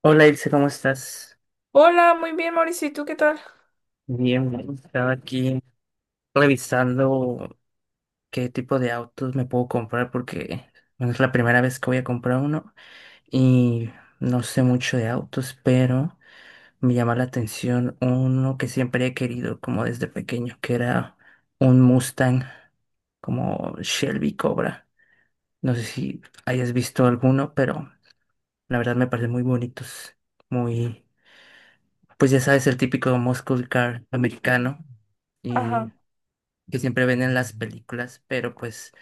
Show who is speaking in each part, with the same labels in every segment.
Speaker 1: Hola Ilse, ¿cómo estás?
Speaker 2: Hola, muy bien, Mauricio. ¿Y tú qué tal?
Speaker 1: Bien, bien. Estaba aquí revisando qué tipo de autos me puedo comprar porque bueno, es la primera vez que voy a comprar uno y no sé mucho de autos, pero me llama la atención uno que siempre he querido como desde pequeño, que era un Mustang como Shelby Cobra. No sé si hayas visto alguno, pero la verdad me parecen muy bonitos, muy pues ya sabes, el típico muscle car americano
Speaker 2: Ajá.
Speaker 1: y que siempre ven en las películas, pero pues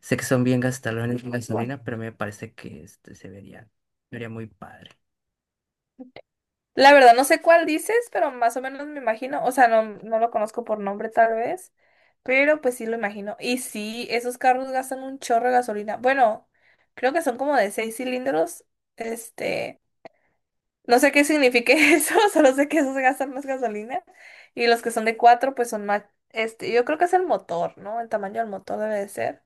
Speaker 1: sé que son bien gastalones en gasolina, pero me parece que este se vería muy padre.
Speaker 2: La verdad, no sé cuál dices, pero más o menos me imagino. O sea, no, no lo conozco por nombre, tal vez. Pero pues sí lo imagino. Y sí, esos carros gastan un chorro de gasolina. Bueno, creo que son como de 6 cilindros. Este. No sé qué signifique eso. Solo sé que esos gastan más gasolina. Y los que son de cuatro, pues son más. Este, yo creo que es el motor, ¿no? El tamaño del motor debe de ser.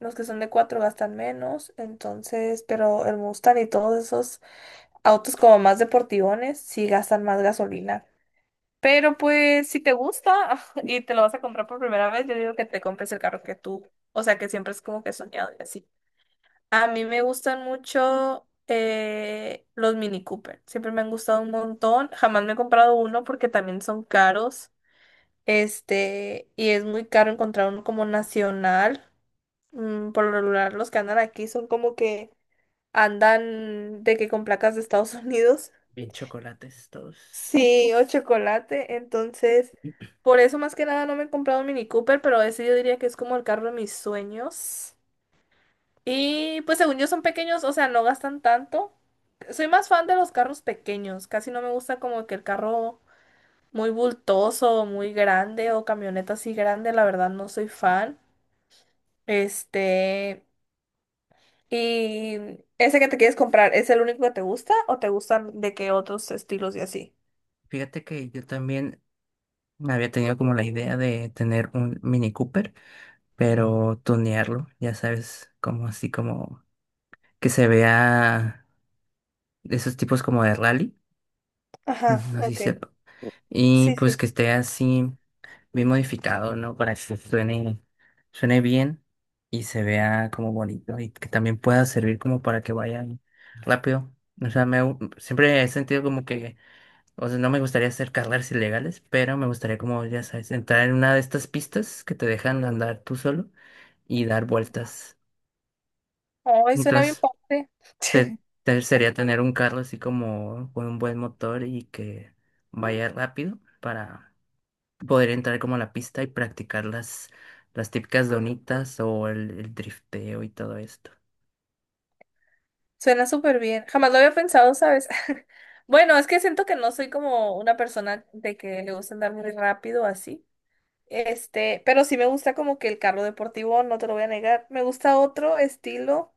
Speaker 2: Los que son de cuatro gastan menos. Entonces, pero el Mustang y todos esos autos como más deportivones sí gastan más gasolina. Pero pues si te gusta y te lo vas a comprar por primera vez, yo digo que te compres el carro que tú, o sea que siempre es como que soñado y así. A mí me gustan mucho los Mini Cooper, siempre me han gustado un montón. Jamás me he comprado uno porque también son caros. Este, y es muy caro encontrar uno como nacional. Por lo regular los que andan aquí son como que andan de que con placas de Estados Unidos.
Speaker 1: Bien chocolates todos.
Speaker 2: Sí, o chocolate. Entonces, por eso más que nada no me he comprado un Mini Cooper, pero ese yo diría que es como el carro de mis sueños. Y pues según yo son pequeños, o sea, no gastan tanto. Soy más fan de los carros pequeños. Casi no me gusta como que el carro muy bultoso, muy grande o camioneta así grande. La verdad no soy fan. Este, ¿y ese que te quieres comprar, es el único que te gusta o te gustan de qué otros estilos y así?
Speaker 1: Fíjate que yo también me había tenido como la idea de tener un Mini Cooper, pero tunearlo, ya sabes, como así como que se vea de esos tipos como de rally,
Speaker 2: Ajá,
Speaker 1: no sé si
Speaker 2: ok.
Speaker 1: sepa. Y
Speaker 2: Sí,
Speaker 1: pues
Speaker 2: sí.
Speaker 1: que esté así, bien modificado, ¿no? Para que suene bien y se vea como bonito y que también pueda servir como para que vayan rápido. O sea, siempre he sentido como que, o sea, no me gustaría hacer carreras ilegales, pero me gustaría como, ya sabes, entrar en una de estas pistas que te dejan andar tú solo y dar vueltas.
Speaker 2: Ay, suena bien
Speaker 1: Entonces,
Speaker 2: padre.
Speaker 1: se- sería tener un carro así como con un buen motor y que vaya rápido para poder entrar como a la pista y practicar las típicas donitas o el drifteo y todo esto.
Speaker 2: Suena súper bien. Jamás lo había pensado, ¿sabes? Bueno, es que siento que no soy como una persona de que le gusta andar muy rápido así. Este, pero sí me gusta como que el carro deportivo, no te lo voy a negar. Me gusta otro estilo,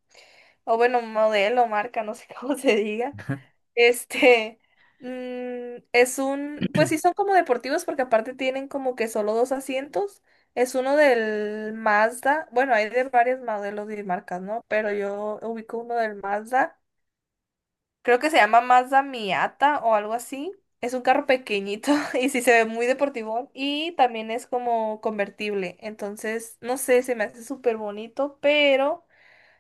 Speaker 2: o bueno, modelo, marca, no sé cómo se diga. Este, es pues sí son como deportivos porque aparte tienen como que solo dos asientos. Es uno del Mazda, bueno, hay de varios modelos y marcas, ¿no? Pero yo ubico uno del Mazda, creo que se llama Mazda Miata o algo así. Es un carro pequeñito y sí se ve muy deportivo y también es como convertible. Entonces, no sé, se me hace súper bonito, pero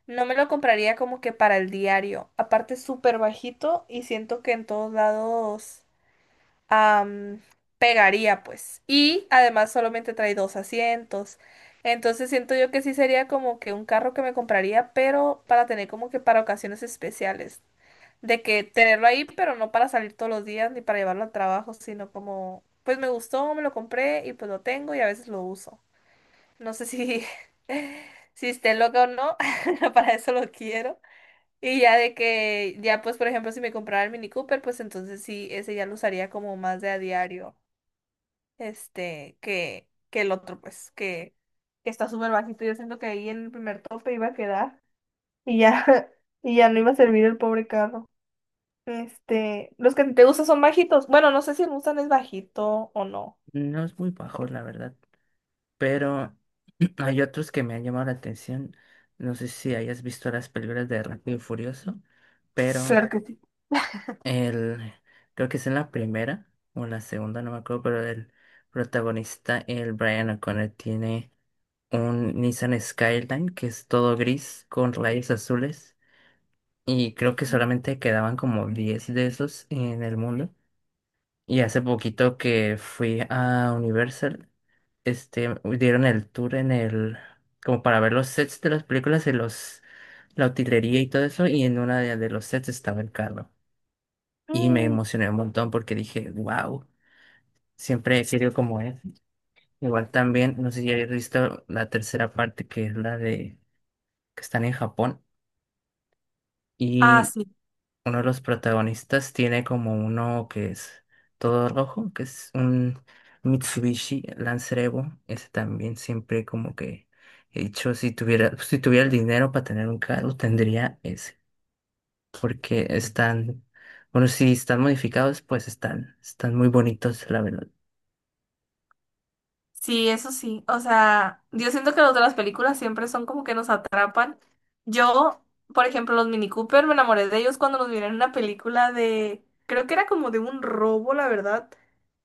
Speaker 2: no me lo compraría como que para el diario. Aparte, es súper bajito y siento que en todos lados am, pegaría, pues. Y además solamente trae dos asientos. Entonces siento yo que sí sería como que un carro que me compraría, pero para tener como que para ocasiones especiales de que tenerlo ahí, pero no para salir todos los días ni para llevarlo al trabajo, sino como, pues me gustó, me lo compré y pues lo tengo y a veces lo uso. No sé si, si esté loca o no, para eso lo quiero. Y ya de que, ya pues por ejemplo, si me comprara el Mini Cooper, pues entonces sí, ese ya lo usaría como más de a diario, este, que el otro, pues, que está súper bajito. Yo siento que ahí en el primer tope iba a quedar y ya, y ya no iba a servir el pobre carro. Este, los que te gustan son bajitos. Bueno, no sé si el Mustang es bajito o no.
Speaker 1: No es muy bajo, la verdad, pero hay otros que me han llamado la atención. No sé si hayas visto las películas de Rápido y Furioso, pero
Speaker 2: Claro que sí.
Speaker 1: el, creo que es en la primera o en la segunda, no me acuerdo, pero el protagonista, el Brian O'Connor, tiene un Nissan Skyline que es todo gris con rayos azules y creo que solamente quedaban como 10 de esos en el mundo. Y hace poquito que fui a Universal, este, dieron el tour como para ver los sets de las películas y la utilería y todo eso, y en una de los sets estaba el carro. Y me
Speaker 2: Mm.
Speaker 1: emocioné un montón porque dije, wow, siempre he querido como es. Igual también, no sé si habéis visto la tercera parte que es la de, que están en Japón.
Speaker 2: Ah,
Speaker 1: Y
Speaker 2: sí,
Speaker 1: uno de los protagonistas tiene como uno que es todo rojo, que es un Mitsubishi Lancer Evo. Ese también siempre como que he dicho, si tuviera el dinero para tener un carro, tendría ese. Porque bueno, si están modificados, pues están muy bonitos, la verdad.
Speaker 2: sí, eso sí. O sea, yo siento que los de las películas siempre son como que nos atrapan. Yo, por ejemplo, los Mini Cooper, me enamoré de ellos cuando los vi en una película de, creo que era como de un robo, la verdad.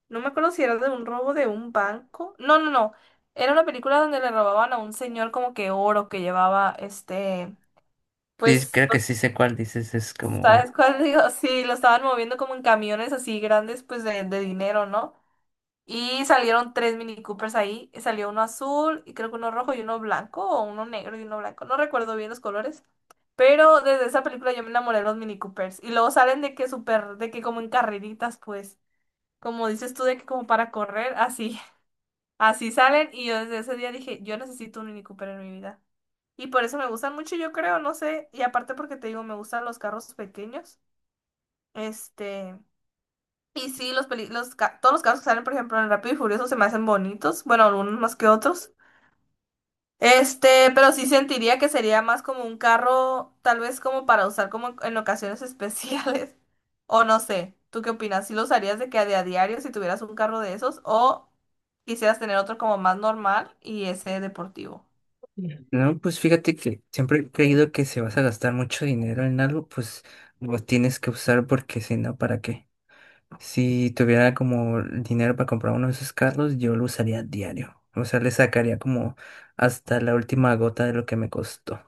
Speaker 2: No me acuerdo si era de un robo de un banco. No, no, no. Era una película donde le robaban a un señor como que oro que llevaba este,
Speaker 1: Sí,
Speaker 2: pues,
Speaker 1: creo que sí sé cuál dices, es
Speaker 2: ¿sabes
Speaker 1: como...
Speaker 2: cuál digo? Sí, lo estaban moviendo como en camiones así grandes, pues de dinero, ¿no? Y salieron tres Mini Coopers ahí. Y salió uno azul, y creo que uno rojo y uno blanco, o uno negro y uno blanco. No recuerdo bien los colores. Pero desde esa película yo me enamoré de los Mini Coopers. Y luego salen de que súper, de que como en carreritas, pues. Como dices tú, de que como para correr, así. Así salen. Y yo desde ese día dije, yo necesito un Mini Cooper en mi vida. Y por eso me gustan mucho, yo creo, no sé. Y aparte porque te digo, me gustan los carros pequeños. Este. Y sí, los, peli- los ca- todos los casos que salen, por ejemplo, en Rápido y Furioso se me hacen bonitos. Bueno, algunos más que otros. Este, pero sí sentiría que sería más como un carro, tal vez como para usar como en ocasiones especiales. O no sé, ¿tú qué opinas? ¿Sí lo usarías de que de a diario si tuvieras un carro de esos? ¿O quisieras tener otro como más normal y ese deportivo?
Speaker 1: Bien. No, pues fíjate que siempre he creído que si vas a gastar mucho dinero en algo, pues lo tienes que usar porque si no, ¿para qué? Si tuviera como dinero para comprar uno de esos carros, yo lo usaría diario. O sea, le sacaría como hasta la última gota de lo que me costó.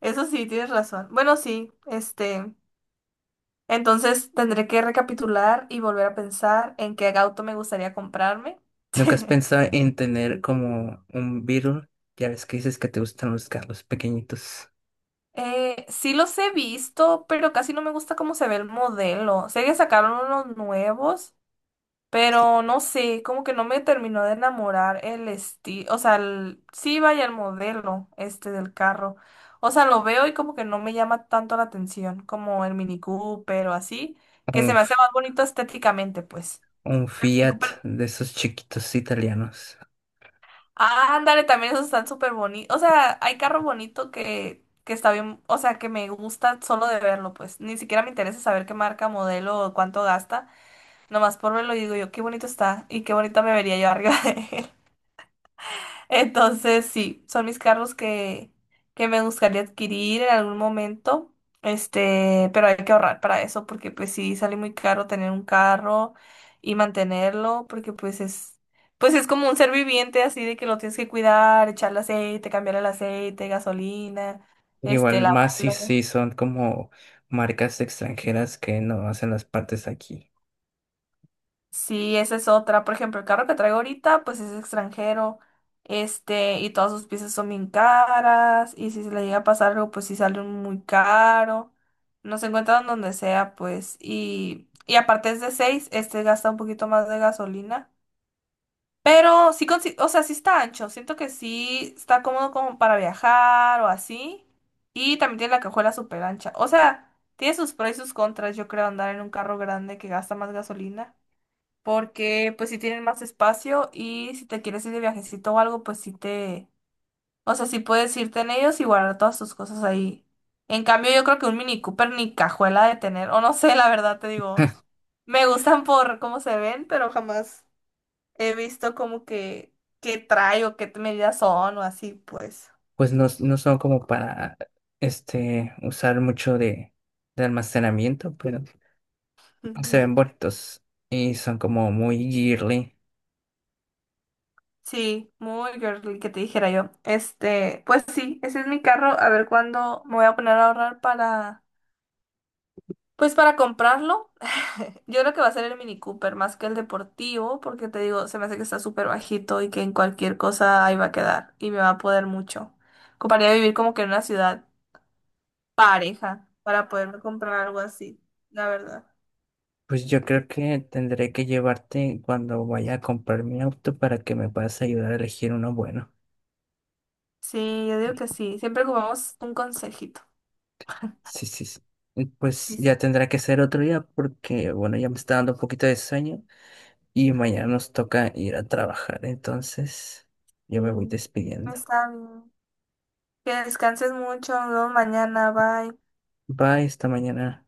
Speaker 2: Eso sí, tienes razón. Bueno, sí, este, entonces tendré que recapitular y volver a pensar en qué auto me gustaría comprarme.
Speaker 1: ¿Nunca has pensado en tener como un Beetle? Ya ves que dices que te gustan los carros pequeñitos.
Speaker 2: Sí los he visto, pero casi no me gusta cómo se ve el modelo. Sé que sacaron unos nuevos,
Speaker 1: Sí.
Speaker 2: pero no sé, como que no me terminó de enamorar el estilo, o sea, sí vaya el modelo este del carro. O sea, lo veo y como que no me llama tanto la atención como el Mini Cooper o así, que
Speaker 1: Un,
Speaker 2: se me hace
Speaker 1: F-
Speaker 2: más bonito estéticamente, pues.
Speaker 1: un
Speaker 2: El Mini
Speaker 1: Fiat
Speaker 2: Cooper.
Speaker 1: de esos chiquitos italianos.
Speaker 2: Ah, ándale, también esos están súper bonitos. O sea, hay carro bonito que está bien, o sea, que me gusta solo de verlo, pues. Ni siquiera me interesa saber qué marca, modelo o cuánto gasta. Nomás por verlo y digo yo, qué bonito está y qué bonita me vería yo arriba de él. Entonces, sí, son mis carros que me gustaría adquirir en algún momento. Este, pero hay que ahorrar para eso porque pues sí sale muy caro tener un carro y mantenerlo porque pues es como un ser viviente así de que lo tienes que cuidar, echarle aceite, cambiar el aceite, gasolina, este,
Speaker 1: Igual más si,
Speaker 2: lavarlo.
Speaker 1: si son como marcas extranjeras que no hacen las partes aquí.
Speaker 2: Sí, esa es otra. Por ejemplo, el carro que traigo ahorita, pues es extranjero. Este, y todas sus piezas son bien caras. Y si se le llega a pasar algo, pues sí sale muy caro. No se encuentran donde sea, pues. Y aparte es de seis, este gasta un poquito más de gasolina. Pero sí, o sea, sí está ancho. Siento que sí está cómodo como para viajar o así. Y también tiene la cajuela súper ancha. O sea, tiene sus pros y sus contras, yo creo, andar en un carro grande que gasta más gasolina porque pues si tienen más espacio y si te quieres ir de viajecito o algo, pues sí o sea, sí puedes irte en ellos y guardar todas tus cosas ahí. En cambio, yo creo que un Mini Cooper ni cajuela de tener, o no sé, la verdad te digo, me gustan por cómo se ven, pero jamás he visto como que qué trae o qué medidas son o así, pues.
Speaker 1: pues no, no son como para este, usar mucho de almacenamiento, pero se
Speaker 2: Ujú.
Speaker 1: ven bonitos y son como muy girly.
Speaker 2: Sí, muy girly que te dijera yo. Este, pues sí, ese es mi carro. A ver cuándo me voy a poner a ahorrar para pues para comprarlo, yo creo que va a ser el Mini Cooper más que el deportivo, porque te digo, se me hace que está súper bajito y que en cualquier cosa ahí va a quedar y me va a poder mucho. Ocuparía vivir como que en una ciudad pareja para poderme comprar algo así, la verdad.
Speaker 1: Pues yo creo que tendré que llevarte cuando vaya a comprar mi auto para que me puedas ayudar a elegir uno bueno.
Speaker 2: Sí, yo digo que sí. Siempre ocupamos un consejito.
Speaker 1: Sí, sí, sí. Y pues
Speaker 2: Sí, sí.
Speaker 1: ya tendrá que ser otro día porque, bueno, ya me está dando un poquito de sueño y mañana nos toca ir a trabajar. Entonces, yo me voy despidiendo.
Speaker 2: Está bien. Que descanses mucho. Nos vemos mañana. Bye.
Speaker 1: Bye, esta mañana.